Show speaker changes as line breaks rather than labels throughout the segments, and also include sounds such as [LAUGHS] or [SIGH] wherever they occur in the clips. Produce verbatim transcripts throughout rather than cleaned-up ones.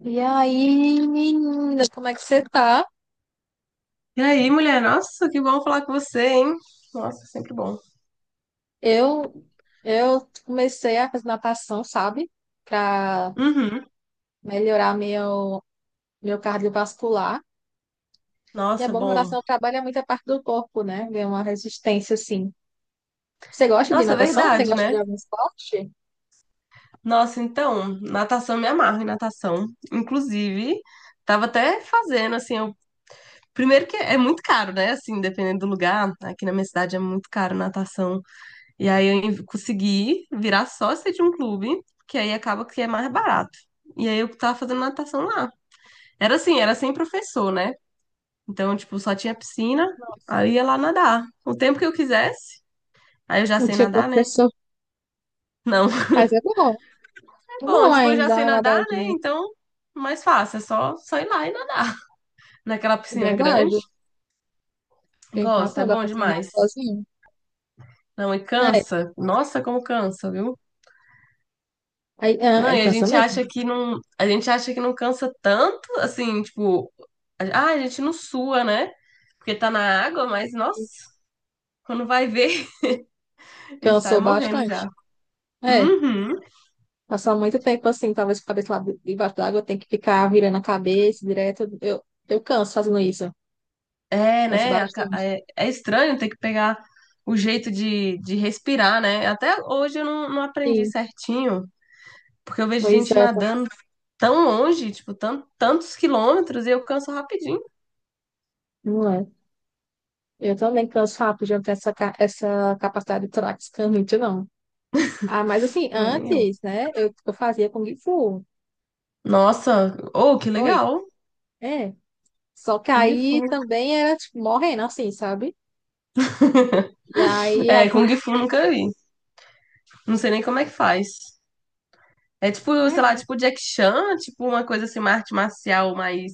E aí, menina, como é que você tá?
E aí, mulher? Nossa, que bom falar com você, hein? Nossa, sempre bom.
Eu, eu comecei a fazer natação, sabe? Pra
Uhum.
melhorar meu, meu cardiovascular. E é
Nossa,
bom que
bom.
natação trabalha muita parte do corpo, né? Vê uma resistência, assim. Você gosta de
Nossa, é
natação? Você
verdade,
gosta de
né?
algum esporte?
Nossa, então, natação, me amarro em natação. Inclusive, tava até fazendo, assim, eu... primeiro que é muito caro, né? Assim, dependendo do lugar, aqui na minha cidade é muito caro natação. E aí eu en- consegui virar sócia de um clube, que aí acaba que é mais barato. E aí eu tava fazendo natação lá. Era assim, era sem professor, né? Então, tipo, só tinha piscina, aí eu ia lá nadar o tempo que eu quisesse, aí eu já
Não
sei
tinha
nadar, né?
professor.
Não. [LAUGHS]
Mas é bom. É
Bom,
bom
tipo, eu
ainda,
já
dar
sei
uma
nadar, né?
nadadinha.
Então, mais fácil, é só, só ir lá e nadar. [LAUGHS] Naquela
É
piscina
verdade.
grande.
Tem
Gosto, é
razão, dá
bom
pra treinar
demais.
sozinho.
Não, e
É.
cansa. Nossa, como cansa, viu?
Aí,
Não,
ah,
e a
cansa
gente
mesmo.
acha que não, a gente acha que não cansa tanto, assim, tipo, ah, a gente não sua, né? Porque tá na água, mas nossa, quando vai ver, [LAUGHS] a gente tá
Cansou
morrendo já.
bastante. É.
Uhum.
Passar muito tempo assim, talvez com a cabeça lá debaixo d'água, tem que ficar virando a cabeça direto. Eu, eu canso fazendo isso.
É,
Canso
né? aca-
bastante.
É, é estranho ter que pegar o jeito de, de respirar, né? Até hoje eu não, não aprendi
Sim,
certinho, porque eu vejo
pois
gente
é, tá-
nadando tão longe, tipo, tan- tantos quilômetros, e eu canso rapidinho.
não é. Eu também canso rápido, já não tenho essa, ca- essa capacidade de prática muito, não. Ah, mas assim,
Tipo, nem eu.
antes, né, eu, eu fazia Kung Fu.
Nossa, oh, que
Foi.
legal!
É. Só que
Kung
aí
Fu.
também era, tipo, morrendo assim, sabe? E aí
É,
agora.
Kung Fu eu nunca vi. Não sei nem como é que faz. É tipo, sei lá,
[LAUGHS]
tipo Jack Chan, tipo uma coisa assim, uma arte marcial mais.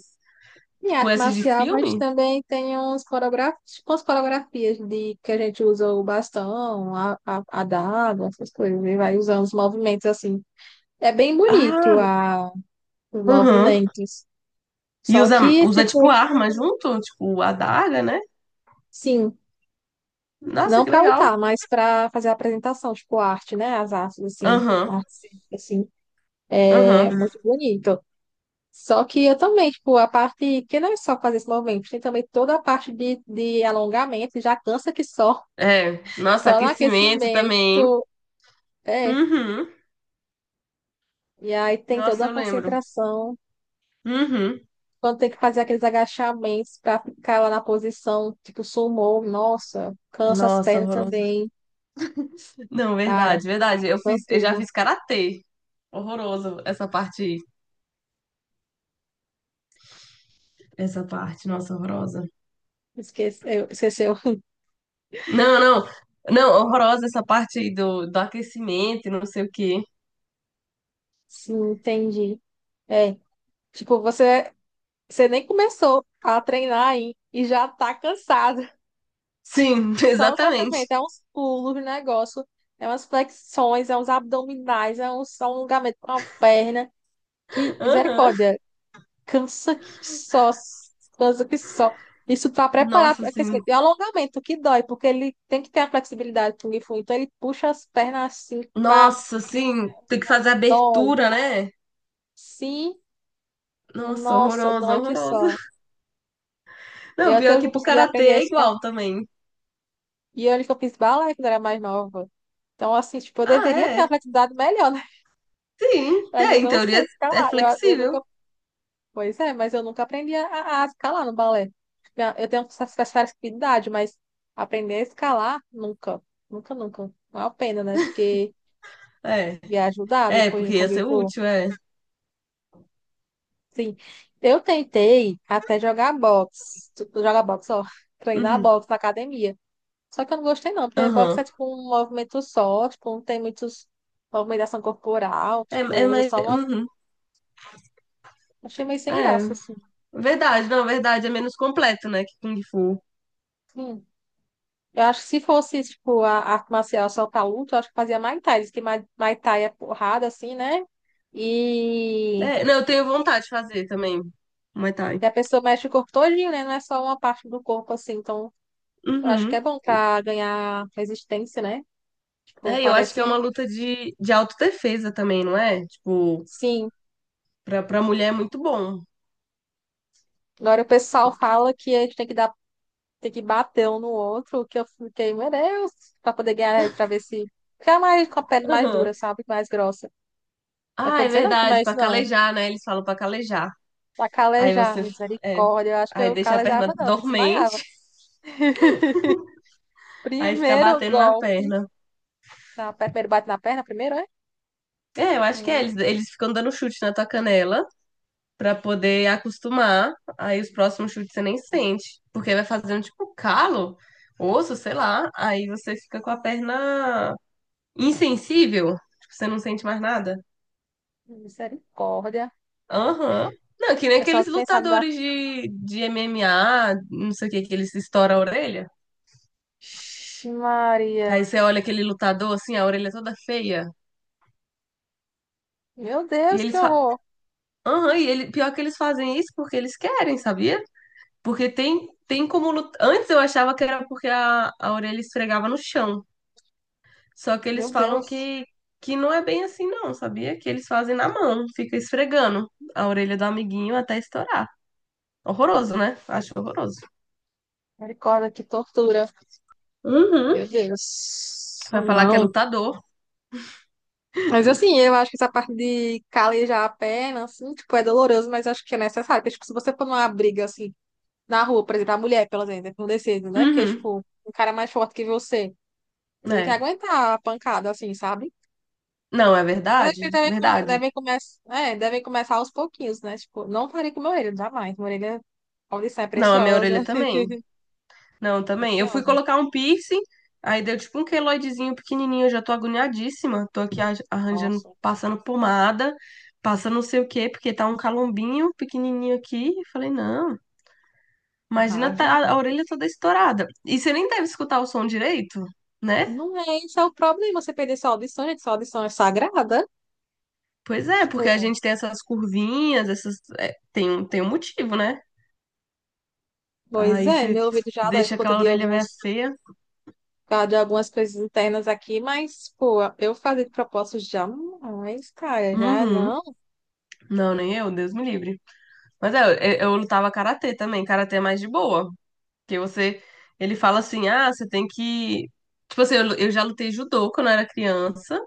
Em
Tipo,
arte
esses de
marcial, mas
filme?
também tem uns coreografias, umas coreografias de que a gente usa o bastão, a, a, a daga, essas coisas, e vai usando os movimentos assim. É bem bonito
Ah,
a, os
uhum.
movimentos.
E
Só
usa,
que,
usa tipo
tipo,
arma junto, tipo adaga, né?
sim,
Nossa,
não
que
para
legal.
lutar, mas para fazer a apresentação, tipo, arte, né? As artes, assim,
Aham,
artes, assim, é
aham.
muito bonito. Só que eu também, tipo, a parte que não é só fazer esse movimento, tem também toda a parte de, de alongamento, já cansa que só.
É, nossa,
Só no
aquecimento
aquecimento.
também, hein?
É.
Uhum.
E aí tem toda
Nossa,
a
eu lembro.
concentração.
Uhum.
Quando tem que fazer aqueles agachamentos pra ficar lá na posição, tipo, sumô, nossa, cansa as
Nossa,
pernas
horroroso.
também.
Não,
Cara,
verdade, verdade. Eu
cansa
fiz, eu já
tudo.
fiz karatê. Horroroso essa parte, essa parte, nossa, horrorosa.
Esqueceu, esqueceu.
Não, não. Não, horrorosa essa parte aí do, do aquecimento, e não sei o quê.
[LAUGHS] Sim, entendi. É. Tipo, você, você nem começou a treinar aí e já tá cansado. [LAUGHS]
Sim, [LAUGHS]
Só o
exatamente.
cansamento, é uns pulos, um negócio, é umas flexões, é uns abdominais, é um só um alongamento com a perna. Que
Aham.
misericórdia. Cansa que só, cansa que só. Isso para preparar
Nossa,
para aquecimento.
sim.
E alongamento, que dói, porque ele tem que ter a flexibilidade do Kung Fu. Então ele puxa as pernas assim, pá,
Nossa, assim, tem que fazer
nossa, dói.
abertura, né?
Sim,
Nossa,
nossa,
horroroso,
dói que
horroroso.
só.
Não,
Eu até
pior
hoje
que
não
pro
consegui
karatê
aprender a
é
escalar.
igual também.
E olha que eu fiz balé quando era mais nova. Então, assim, tipo, eu
Ah,
deveria ter a
é?
flexibilidade melhor, né?
Sim,
[LAUGHS] Mas
é,
eu
em
não sei
teoria é
escalar. Eu, eu nunca
flexível.
pois é, mas eu nunca aprendi a, a escalar no balé. Minha- Eu tenho essa essa facilidade, mas aprender a escalar, nunca. Nunca, nunca. Não é uma pena, né? Porque
É,
ia ajudar
é,
depois de
porque ia
Kung
ser
Fu.
útil, é.
Sim. Eu tentei até jogar boxe. Tu- tu Jogar boxe, ó. [LAUGHS] Treinar
Uhum,
boxe na academia. Só que eu não gostei, não. Porque boxe é
aham.
tipo um movimento só. Tipo, não tem muitos movimentação corporal.
É,
Tipo,
é
usa
mais.
só uma...
Uhum,
Achei meio sem
é,
graça, assim.
verdade, não, verdade, é menos completo, né, que Kung Fu.
Hum. Eu acho que se fosse, tipo, a arte marcial só pra luta, eu acho que fazia Muay Thai. Diz que Muay Muay Thai é porrada, assim, né? E
É, não, eu tenho vontade de fazer também, Muay Thai.
a pessoa mexe o corpo todinho, né? Não é só uma parte do corpo, assim. Então, eu acho que
Uhum.
é bom
E-
pra ganhar resistência, né? Tipo,
É, eu acho que
parece
é uma luta de, de autodefesa também, não é? Tipo,
sim.
pra, pra mulher é muito bom.
Agora o pessoal fala que a gente tem que dar, tem que bater um no outro, que eu fiquei, meu Deus, pra poder ganhar, pra ver se ficar mais com a pele mais
Aham.
dura, sabe? Mais grossa. Mas que
Ah,
eu
é
não sei não como
verdade,
é isso,
pra
não.
calejar, né? Eles falam pra calejar.
Pra
Aí
calejar,
você, é,
misericórdia. Eu acho que
aí
eu
deixa a perna
calejava, não, me desmaiava.
dormente, [LAUGHS] aí fica
Primeiro
batendo na
golpe.
perna.
Na, per- primeiro bate na perna, primeiro, é?
É, eu acho que é,
Hum,
eles, eles ficam dando chute na tua canela pra poder acostumar. Aí os próximos chutes você nem sente, porque vai fazendo tipo calo, osso, sei lá. Aí você fica com a perna insensível, tipo, você não sente mais nada.
misericórdia.
Aham. Não, que nem
Eu só
aqueles
pensava na.
lutadores de, de M M A, não sei o que, que eles estouram a orelha.
Ixi, Maria.
Aí você olha aquele lutador, assim, a orelha toda feia.
Meu
E
Deus, que
eles falam.
horror.
Aham, e ele... pior que eles fazem isso porque eles querem, sabia? Porque tem, tem como lutar. Antes eu achava que era porque a, a orelha esfregava no chão. Só que eles
Meu
falam
Deus.
que, que não é bem assim, não, sabia? Que eles fazem na mão, fica esfregando a orelha do amiguinho até estourar. Horroroso, né? Acho horroroso.
Misericórdia, que tortura.
Uhum.
Meu Deus.
Vai falar que é
Não.
lutador.
Mas assim, eu acho que essa parte de calejar a perna, assim, tipo, é doloroso, mas acho que é necessário. Porque, tipo, se você for numa briga, assim, na rua, por exemplo, a mulher, pelo exemplo, não decide, né? Porque,
Uhum.
tipo, um cara mais forte que você. Tem que
É.
aguentar a pancada, assim, sabe?
Não, é
Mas acho que
verdade?
também com-
Verdade.
devem começar, é, devem começar aos pouquinhos, né? Tipo, não parei com meu orelha, jamais. Minha orelha, a audição é
Não, a minha
preciosa.
orelha
[LAUGHS]
também. Não, também. Eu fui
Preciosa.
colocar um piercing, aí deu tipo um queloidezinho pequenininho. Eu já tô agoniadíssima. Tô aqui arran- arranjando,
Nossa,
passando pomada, passando não sei o quê, porque tá um calombinho pequenininho aqui. Eu falei, não, imagina tá- a,
imagem.
a orelha toda estourada. E você nem deve escutar o som direito, né?
Não é, esse é o problema, você perder sua audição, gente. Sua audição é sagrada.
Pois é, porque a
Tipo,
gente tem essas curvinhas, essas. É, tem, um- tem um motivo, né?
pois
Aí
é,
você
meu ouvido já dói por
deixa
conta
aquela
de
orelha meio
alguns,
feia.
por causa de algumas coisas internas aqui, mas, pô, eu fazer de propósito jamais, cara, já
Uhum.
não.
Não, nem eu, Deus me livre. Mas é, eu, eu lutava karatê também. Karatê é mais de boa. Porque você. Ele fala assim: ah, você tem que. Tipo assim, eu, lu- eu já lutei judô quando eu era criança.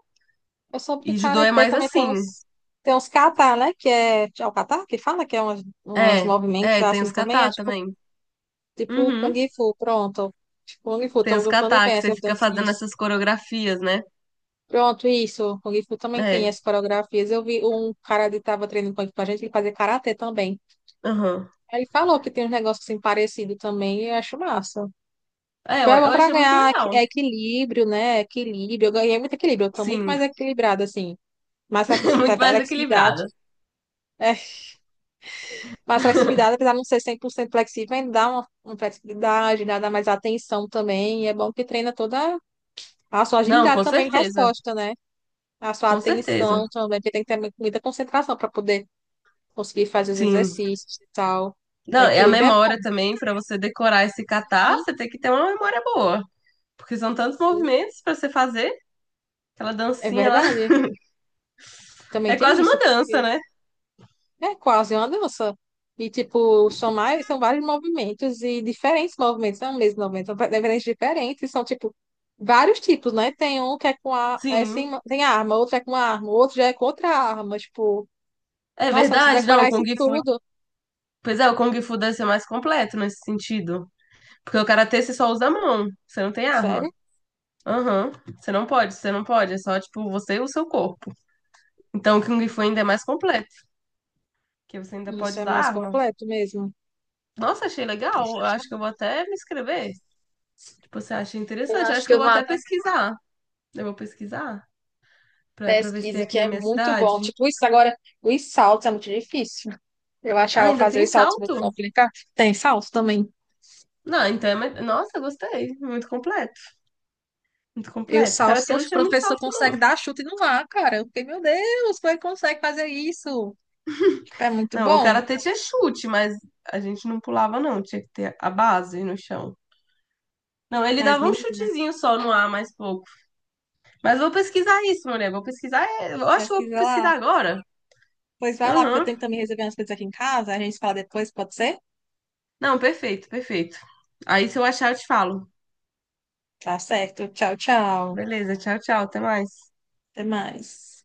Eu soube que
E judô é
Karatê
mais
também tem
assim.
uns, tem uns kata, né? Que é, é o kata que fala que é umas, umas
É,
movimentos
é, tem
assim
os
também. É
kata
tipo,
também.
tipo Kung
Uhum.
Fu, pronto. Tipo, Kung Fu,
Tem os
tô falando
kata
bem
que você
essas
fica fazendo
dancinhas.
essas coreografias, né?
Pronto, isso. Kung Fu também tem
É,
as coreografias. Eu vi um cara que tava treinando com a gente, ele fazia Karatê também.
aham.
Aí ele falou que tem uns negócios assim parecidos também e eu acho massa.
É,
Tipo,
eu,
é bom
eu
pra
achei muito
ganhar equi-
legal.
é equilíbrio, né? Equilíbrio. Eu ganhei muito equilíbrio. Eu tô muito
Sim,
mais equilibrada, assim. Mais
[LAUGHS] muito mais
flexibilidade.
equilibrada.
Mas flexibilidade, apesar de não ser cem por cento flexível, ainda dá uma, uma flexibilidade, dá dá mais atenção também. E é bom que treina toda a sua
Não,
agilidade
com
também em
certeza.
resposta, né? A sua
Com
atenção
certeza.
também, porque tem que ter muita concentração para poder conseguir fazer os
Sim.
exercícios e tal.
Não, é a
Equilíbrio é bom.
memória também, pra você decorar esse kata,
Sim,
você tem que ter uma memória boa. Porque são tantos
sim,
movimentos pra você fazer. Aquela
é
dancinha lá.
verdade. Também
É
tem
quase uma
isso,
dança,
porque
né?
é quase uma dança. E, tipo, são mais, são vários movimentos e diferentes movimentos, não é o mesmo movimento, são diferentes, diferentes, são, tipo, vários tipos, né? Tem um que é com a, é
Sim.
sem, tem arma, outro é com arma, outro já é com outra arma, tipo,
É
nossa, se
verdade, não.
decorar
O Kung
isso
Fu.
tudo,
Pois é, o Kung Fu deve ser mais completo nesse sentido. Porque o karatê você só usa a mão. Você não tem arma.
sério?
Aham. Você não pode, você não pode. É só, tipo, você e o seu corpo. Então o Kung Fu ainda é mais completo. Porque você ainda pode
Isso é
usar
mais
arma.
completo mesmo.
Nossa, achei legal. Eu acho que eu vou até me inscrever. Tipo, você acha
Eu
interessante? Eu
acho
acho
que
que eu
eu
vou
vou
até
até
pesquisar. Eu vou pesquisar pra, pra ver se tem
pesquisa,
aqui
que
na
é
minha
muito
cidade.
bom. Tipo, isso agora, os saltos é muito difícil. Eu
Ah,
achava
ainda
fazer
tem
os saltos muito
salto?
complicado. Tem salto também.
Não, então é mais... Nossa, gostei. Muito completo. Muito
E o
completo. O karatê
Salso, o
não tinha muito
professor
salto, não.
consegue dar chute no ar, cara. Eu fiquei, meu Deus, como ele consegue fazer isso? Tipo, é muito
Não, o
bom.
karatê tinha chute, mas a gente não pulava, não. Tinha que ter a base no chão. Não, ele
Mas,
dava um
menina,
chutezinho só no ar, mais pouco. Mas vou pesquisar isso, mulher. Vou pesquisar. É, eu acho que vou
pesquisa lá.
pesquisar agora.
Pois vai lá, porque eu
Aham.
tenho que também resolver umas coisas aqui em casa. A gente fala depois, pode ser?
Não, perfeito, perfeito. Aí se eu achar, eu te falo.
Tá certo. Tchau, tchau.
Beleza, tchau, tchau. Até mais.
Até mais.